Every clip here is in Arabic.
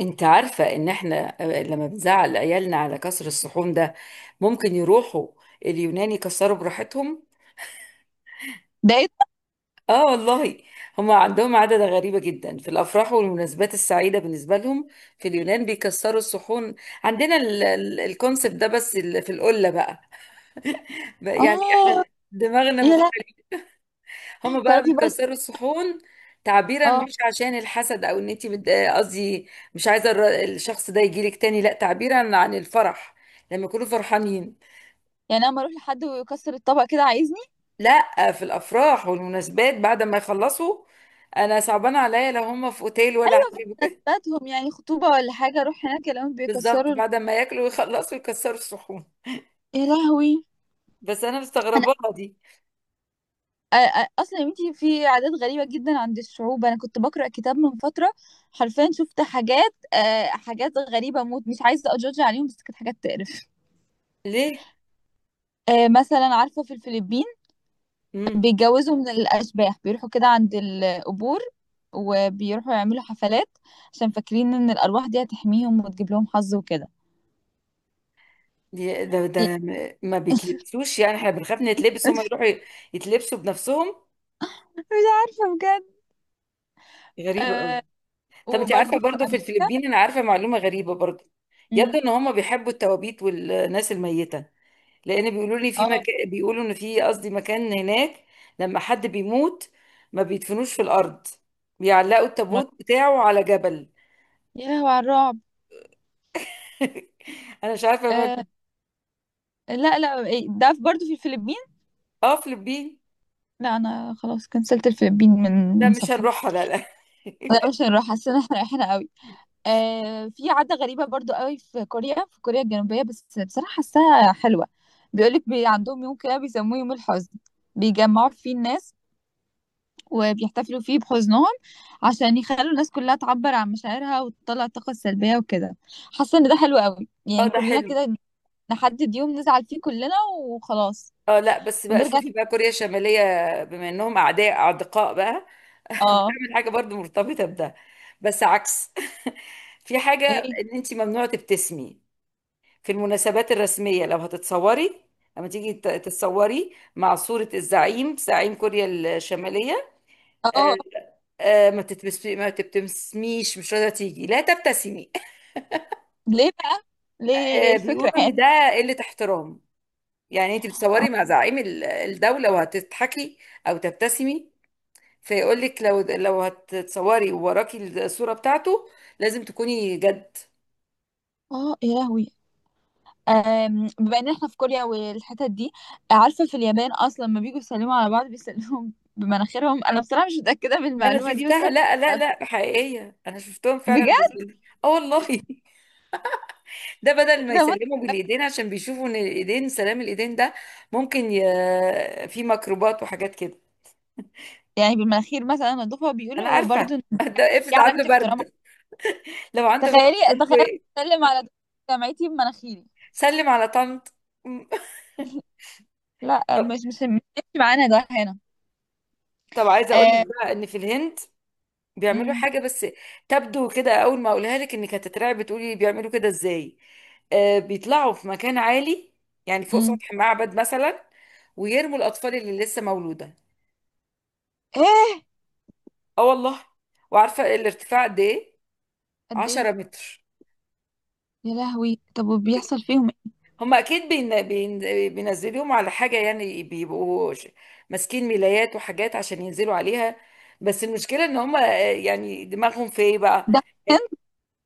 انت عارفة ان احنا لما بنزعل عيالنا على كسر الصحون ده ممكن يروحوا اليونان يكسروا براحتهم. ده ايه ده؟ اه والله، هم عندهم عادة غريبة جدا في الافراح والمناسبات السعيدة بالنسبة لهم. في اليونان بيكسروا الصحون. عندنا الكونسبت ده، بس في القلة بقى. بقى يعني احنا اه. دماغنا، يا لا. هما بقى تعرفي برضه؟ بيكسروا الصحون تعبيرا، اه. مش عشان الحسد او ان انت قصدي مش عايزه الشخص ده يجيلك تاني، لا، تعبيرا عن الفرح، لما يكونوا فرحانين. يعني انا لما اروح لحد ويكسر الطبق كده عايزني لا، في الافراح والمناسبات بعد ما يخلصوا. انا صعبان عليا لو هما في اوتيل ولا حاجه. بتاعتهم، يعني خطوبه ولا حاجه، اروح هناك الاقيهم بالظبط، بيكسروا بعد ما ياكلوا ويخلصوا يكسروا الصحون، يا لهوي. بس انا انا مستغرباها دي. أ- اصلا يا بنتي في عادات غريبه جدا عند الشعوب. انا كنت بقرا كتاب من فتره، حرفيا شفت حاجات حاجات غريبه موت، مش عايزه اجوج عليهم، بس كانت حاجات تقرف. ليه. مثلا عارفه في الفلبين امم. بيتجوزوا من الأشباح، بيروحوا كده عند القبور وبيروحوا يعملوا حفلات عشان فاكرين إن الأرواح دي هتحميهم وتجيب لهم حظ وكده. دي- ده إيه، ده ما بيتلبسوش؟ يعني احنا بنخاف نتلبس، هما يروحوا يتلبسوا بنفسهم. مش عارفة بجد. غريبه قوي. آه. طب انت عارفه وبرضه في برضو في أمريكا. الفلبين، انا عارفه معلومه غريبه برضو. يبدو مم. ان هم بيحبوا التوابيت والناس الميته، لان بيقولوا لي في اه مكان، بيقولوا ان في، قصدي مكان هناك لما حد بيموت ما بيدفنوش في الارض، بيعلقوا ما- التابوت بتاعه على جبل. يا لهوي على الرعب. انا مش عارفه ما آه لا لا إيه، ده برضه في الفلبين. اه، فلبين. لا أنا خلاص كنسلت الفلبين من لا من مش سفري. هنروحها، لا لا. لا مش هنروح، حاسة إن احنا رايحين قوي. في عادة غريبة برضو قوي في كوريا، في كوريا الجنوبية، بس بصراحة حاساها حلوة. بيقولك عندهم يوم كده بيسموه يوم الحزن، بيجمعوا فيه الناس وبيحتفلوا فيه بحزنهم عشان يخلوا الناس كلها تعبر عن مشاعرها وتطلع الطاقة السلبية وكده. حاسة ان ده حلو قوي، اه يعني ده كلنا حلو. كده نحدد يوم نزعل فيه كلنا وخلاص اه لا، بس بقى ونرجع شوفي تاني. بقى، كوريا الشماليه، بما انهم اعداء اعدقاء بقى، اه. تعمل حاجه برضو مرتبطه بده، بس عكس. في حاجه ايه. ان انت ممنوع تبتسمي في المناسبات الرسمية. لو هتتصوري، لما تيجي تتصوري مع صورة الزعيم، زعيم كوريا الشمالية، آه، اه. ما تبتسميش. مش راضية تيجي، لا تبتسمي. ليه بقى؟ ليه؟ ايه الفكرة؟ بيقولوا ان ده قلة احترام. يعني انت بتصوري اه. مع زعيم الدولة وهتضحكي او تبتسمي، فيقول لك لو هتتصوري ووراكي الصورة بتاعته لازم تكوني جد. يا لهوي. بما إن إحنا في كوريا والحتت دي، عارفة في اليابان أصلًا لمّا بييجوا يسلموا على بعض بيسلموا بمناخيرهم. أنا بصراحة مش متأكدة من انا المعلومة دي، بس شفتها، أنا لا لا كنت لا، حقيقية، انا شفتهم فعلا بجد. بيقولوا. اه والله، ده بدل ما والله! يسلموا بالايدين، عشان بيشوفوا ان الايدين، سلام الايدين ده ممكن ي في ميكروبات وحاجات كده. يعني بالمناخير مثلًا أنضفها انا بيقولوا، وبرضه عارفه. إن ده دي افرض علامة عنده احترام. برد، لو عنده برد تخيلي، يقول له تخيلي إيه؟ أسلم على دكتور جامعتي بمناخيري. سلم على طنط. لأ، طب مش هيمشي معانا ده هنا. طب عايزه اقول لك آآ بقى ان في الهند بيعملوا إمم، حاجه، بس تبدو كده اول ما اقولها لك انك هتترعب، بتقولي بيعملوا كده ازاي. بيطلعوا في مكان عالي، يعني فوق إمم، سطح معبد مثلا، ويرموا الاطفال اللي لسه مولوده. إيه! اه والله. وعارفه الارتفاع قد ايه؟ قد إيه! 10 متر. يا لهوي! طب وبيحصل فيهم إيه؟ هم اكيد بين بين، بينزلوهم على حاجه، يعني بيبقوا ماسكين ملايات وحاجات عشان ينزلوا عليها. بس المشكله ان هم، يعني دماغهم في ايه بقى، ده في الهند؟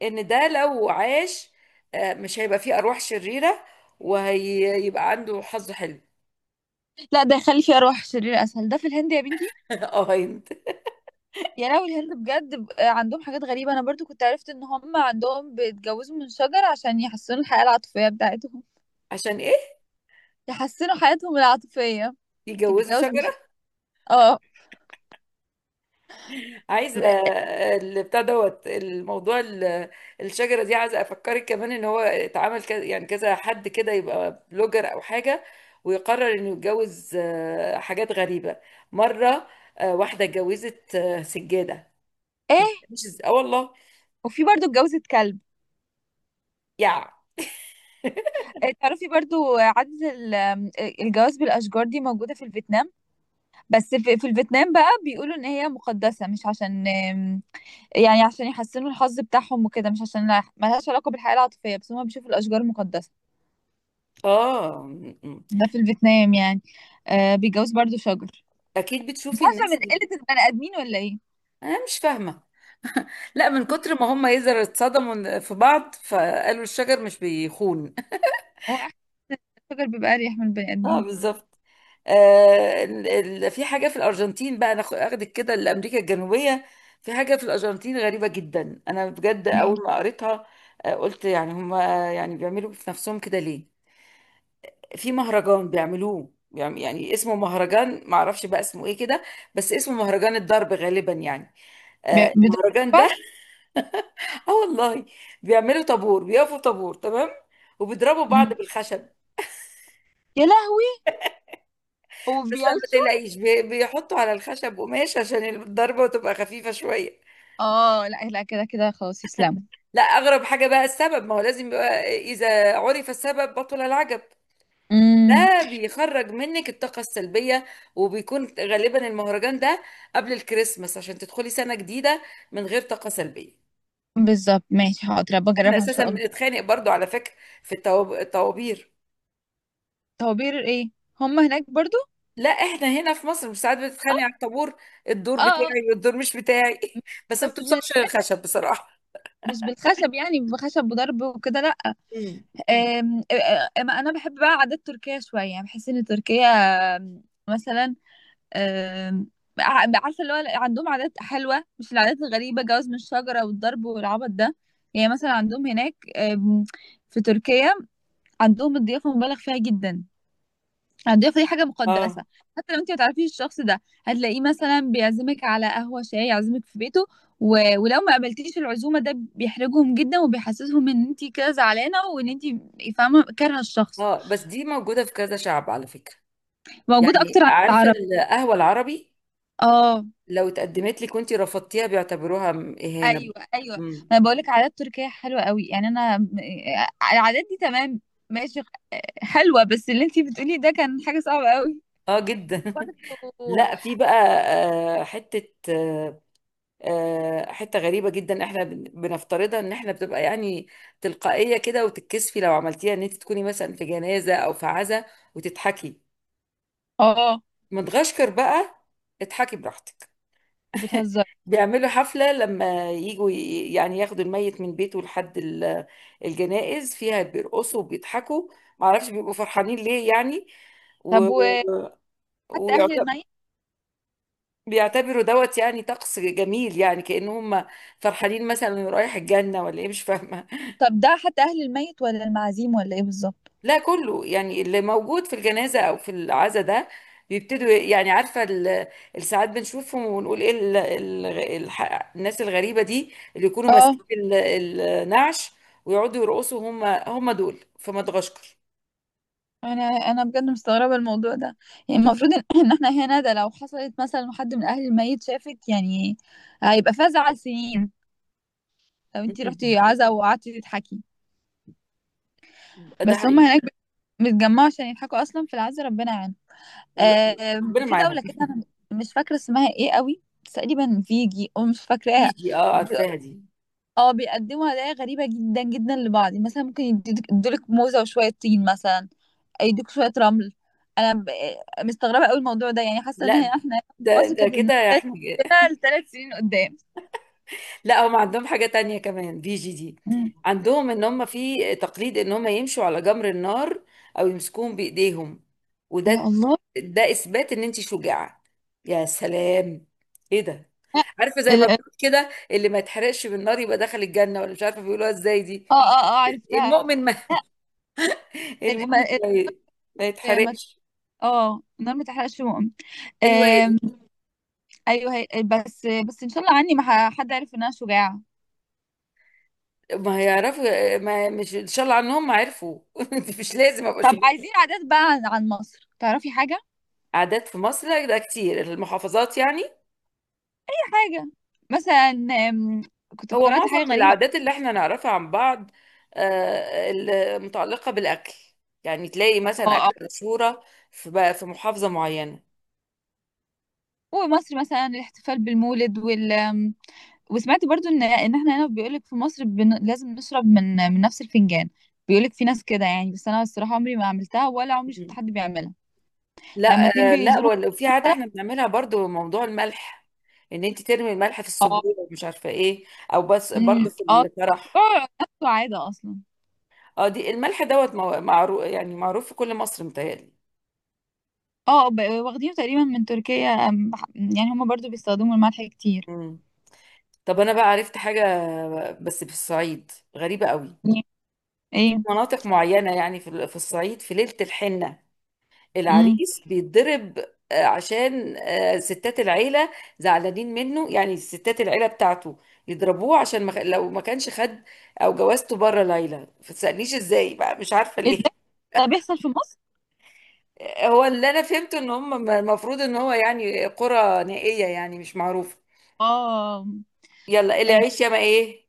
ان ده لو عاش، مش هيبقى فيه ارواح شريره وهيبقى عنده حظ حلو. لأ ده يخلّي فيه أرواح شريرة أسهل. ده في الهند يا بنتي؟ اه هيمت. يا لهوي الهند بجد عندهم حاجات غريبة. أنا برضو كنت عرفت إن هم عندهم بيتجوزوا من شجر عشان يحسنوا الحياة العاطفية بتاعتهم. عشان ايه يحسنوا حياتهم العاطفية. يجوزوا تتجوز من شجر. شجره؟ اه. عايزه البتاع دوت الموضوع الشجره دي، عايزه افكرك كمان ان هو اتعمل كذا، يعني كذا حد كده يبقى بلوجر او حاجه ويقرر انه يتجوز. حاجات غريبه مره. واحده اتجوزت، سجاده، ايه. مش اه والله، وفي برضو اتجوزت كلب. يعني. تعرفي برضو عادة ال- آم، آه، الجواز بالأشجار دي موجودة في الفيتنام. بس في الفيتنام بقى بيقولوا إن هي مقدسة، مش عشان يعني عشان يحسنوا الحظ بتاعهم وكده، مش عشان ملهاش علاقة بالحياة العاطفية، بس هم بيشوفوا الأشجار مقدسة. اه م. ده في الفيتنام يعني. بيتجوز برضو شجر. اكيد مش بتشوفي عارفة من الناس اللي، قلة البني آدمين ولا ايه. انا مش فاهمه، لا من كتر ما هم يزر اتصدموا في بعض فقالوا الشجر مش بيخون. هو أحلى، الشجر بيبقى أريح من البني اه آدمين. بالظبط. في حاجة في الأرجنتين بقى، أنا أخدك كده لأمريكا الجنوبية. في حاجة في الأرجنتين غريبة جدا، أنا بجد ايه أول ما قريتها قلت يعني هما، يعني بيعملوا في نفسهم كده ليه؟ في مهرجان بيعملوه يعني اسمه مهرجان، معرفش بقى اسمه ايه كده، بس اسمه مهرجان الضرب غالبا، يعني بيدبر. المهرجان ده. اه والله، بيعملوا طابور، بيقفوا طابور تمام، وبيضربوا بعض بالخشب. يا لهوي. بس لا ما وبيعيشوا. تقلقيش، بيحطوا على الخشب قماش عشان الضربة تبقى خفيفة شوية. اه لا لا، كده كده خلاص يسلموا. لا، اغرب حاجه بقى السبب، ما هو لازم يبقى، اذا عرف السبب بطل العجب. امم. ده بيخرج منك الطاقه السلبيه، وبيكون غالبا المهرجان ده قبل الكريسماس عشان تدخلي سنه جديده من غير طاقه سلبيه. بالظبط، ماشي حاضر احنا بجربها ان اساسا شاء الله. بنتخانق برضو، على فكره، في الطوابير. طوابير ايه؟ هم هناك برضو؟ لا احنا هنا في مصر، مش ساعات بتتخانق على الطابور؟ الدور اه. بتاعي آه. والدور مش بتاعي. بس ما بس بتوصلش للخشب بصراحه. مش بالخشب، يعني بخشب وضرب وكده لا. امم. أم... انا بحب بقى عادات تركيا شويه، يعني بحس ان تركيا آم، مثلا آم، عارفه اللي هو عندهم عادات حلوه، مش العادات الغريبه جواز من الشجره والضرب والعبط ده. يعني مثلا عندهم هناك في تركيا عندهم الضيافه مبالغ فيها جدا. الضيافه دي حاجه مقدسه، اه، حتى لو انت ما تعرفيش الشخص ده هتلاقيه مثلا بيعزمك على قهوه شاي، يعزمك في بيته. ولو ما قبلتيش العزومه ده بيحرجهم جدا وبيحسسهم ان انت كده زعلانه وان انت فاهمه كارهه الشخص. اه، بس دي موجوده في كذا شعب، على فكره. موجوده يعني اكتر عند عارفه العرب. القهوه العربي، اه لو اتقدمت لك وانتي رفضتيها بيعتبروها اهانه. ايوه ايوه مم. ما انا بقول لك عادات تركيه حلوه قوي، يعني انا آه، العادات دي تمام، ماشي حلوه، بس اللي انتي بتقولي ده كان حاجه صعبه قوي اه جدا. برضه. لا في بقى حته، حته غريبه جدا احنا بنفترضها ان احنا بتبقى يعني تلقائيه كده، وتتكسفي لو عملتيها، ان انت تكوني مثلا في جنازه او في عزا وتضحكي. اه مدغشقر بقى اضحكي براحتك. بتهزر. بيعملوا حفلة لما يجوا يعني ياخدوا الميت من بيته لحد الجنائز فيها بيرقصوا وبيضحكوا، معرفش بيبقوا فرحانين ليه يعني. و... طب وحتى اهل وبيعتبروا الميت. دوت يعني طقس جميل، يعني كأنهم فرحانين مثلا رايح الجنة ولا ايه، مش فاهمة. طب ده حتى اهل الميت ولا المعازيم ولا ايه بالظبط؟ لا كله، يعني اللي موجود في الجنازة أو في العزا ده بيبتدوا، يعني عارفة الساعات بنشوفهم ونقول إيه، الناس الغريبة دي اللي يكونوا اه. ماسكين النعش ويقعدوا يرقصوا؟ هم دول في مدغشقر. انا بجد مستغربه الموضوع ده. يعني المفروض ان إن احنا هنا ده لو حصلت مثلا حد من اهل الميت شافك يعني هيبقى فيها زعل سنين لو انتي مم. رحتي عزا وقعدتي تضحكي. ده بس هم حقيقي. هناك بيتجمعوا عشان يضحكوا اصلا في العز، ربنا يعينهم. ر- ربنا في معاهم. دولة كده انا مش فاكرة اسمها ايه قوي، بس تقريبا فيجي او مش فاكراها. فيجي، اه بي- عارفاها دي. اه، بيقدموا هدايا غريبة جدا جدا لبعض، مثلا ممكن يدولك موزة وشوية طين مثلا، يدوك شوية رمل. انا مستغربة قوي الموضوع ده، يعني حاسة ان لا احنا هنا في مصر ده كانت كده النكت احنا. كده ل3 سنين قدام. لا هم عندهم حاجة تانية كمان بي جي دي، مم. عندهم ان هم في تقليد ان هم يمشوا على جمر النار او يمسكوهم بايديهم. يا وده، الله. ده اثبات ان انت شجاعة. يا سلام، ايه ده! لا، عارفة زي ما ال- ال- بيقول كده، اللي ما يتحرقش بالنار يبقى دخل الجنة ولا مش عارفة بيقولوها ازاي دي. اه اه اه عرفتها. المؤمن ما ال- المؤمن ما ما ال- ما- يتحرقش. اه النار ما تحرقش. ايوه هي آم، دي. ايوه، بس بس ان شاء الله عني ما حد عارف ان انا شجاعه. ما هيعرفوا. ما مش، ان شاء الله عنهم ما عرفوا. مش لازم ابقى طب شجاعة. عايزين عادات بقى عن عن مصر، تعرفي حاجه؟ عادات في مصر؟ لا، ده كتير، المحافظات يعني. اي حاجه. مثلا كنت هو قرأت حاجه معظم غريبه. العادات اللي احنا نعرفها عن بعض المتعلقة بالأكل، يعني تلاقي مثلا اه اه. أكلة مشهورة في محافظة معينة. ومصر مثلا الاحتفال بالمولد وال وسمعت برضو ان ان احنا هنا بيقولك في مصر لازم نشرب من من نفس الفنجان. بيقولك في ناس كده يعني، بس انا الصراحه عمري ما عملتها ولا عمري شفت مم. حد بيعملها. لما لا، اتنين لا بيزوروا في عادة مثلا. احنا بنعملها برضو، موضوع الملح، ان انت ترمي الملح في اه. السبوع ومش عارفة ايه، او بس أمم. برضو في اه الفرح. بيقعوا نفس عاده اصلا. اه دي الملح دوت معروف، يعني معروف في كل مصر، متهيألي. اه واخدينه تقريبا من تركيا، يعني هما برضو بيستخدموا الملح كتير. مم. طب انا بقى عرفت حاجة بس في الصعيد غريبة قوي. ايه. مناطق معينة يعني، في الصعيد في ليلة الحنة امم. العريس بيتضرب. عشان ستات العيلة زعلانين منه، يعني ستات العيلة بتاعته يضربوه عشان ما خ- لو ما كانش خد او جوازته بره ليلى، ما تسألنيش ازاي بقى، مش عارفة ايه ليه. ده، ده بيحصل في مصر؟ هو اللي انا فهمته ان هم، المفروض ان هو يعني قرى نائية يعني مش معروفة. اه. يلا، اللي آه، يعيش يا ما ايه.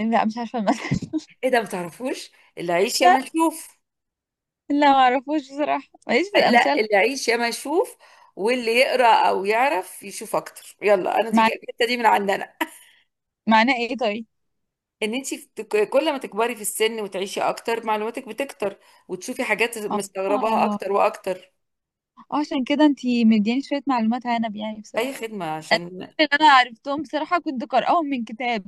لا مش عارفه المثل. ايه ده، ما تعرفوش؟ اللي يعيش يا لا ما نشوف. لا، ما اعرفوش بصراحه ماليش في لا، الامثال. اللي يعيش يا ما يشوف، واللي يقرا او يعرف يشوف اكتر. يلا انا دي مع... الحته دي من عندنا. معناه ايه طيب؟ ان انت كل ما تكبري في السن وتعيشي اكتر، معلوماتك بتكتر، وتشوفي حاجات اه مستغرباها اه، اكتر واكتر. عشان كده انتي مدياني شويه معلومات، عنب يعني اي بصراحه. خدمه، عشان الأسئلة اللي انا عرفتهم بصراحه كنت قارئاهم من كتاب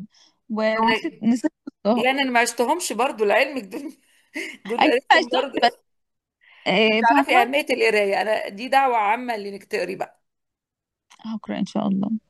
انا، ونسيت، نسيت احطهم. يعني انا ما عشتهمش برضو لعلمك دول. دول اكيد ما قريتهم عشتهمش برضو. بس انت تعرفي فاهمه. اهميه القرايه، انا دي دعوه عامه لانك تقري بقى. هقرا ان شاء الله.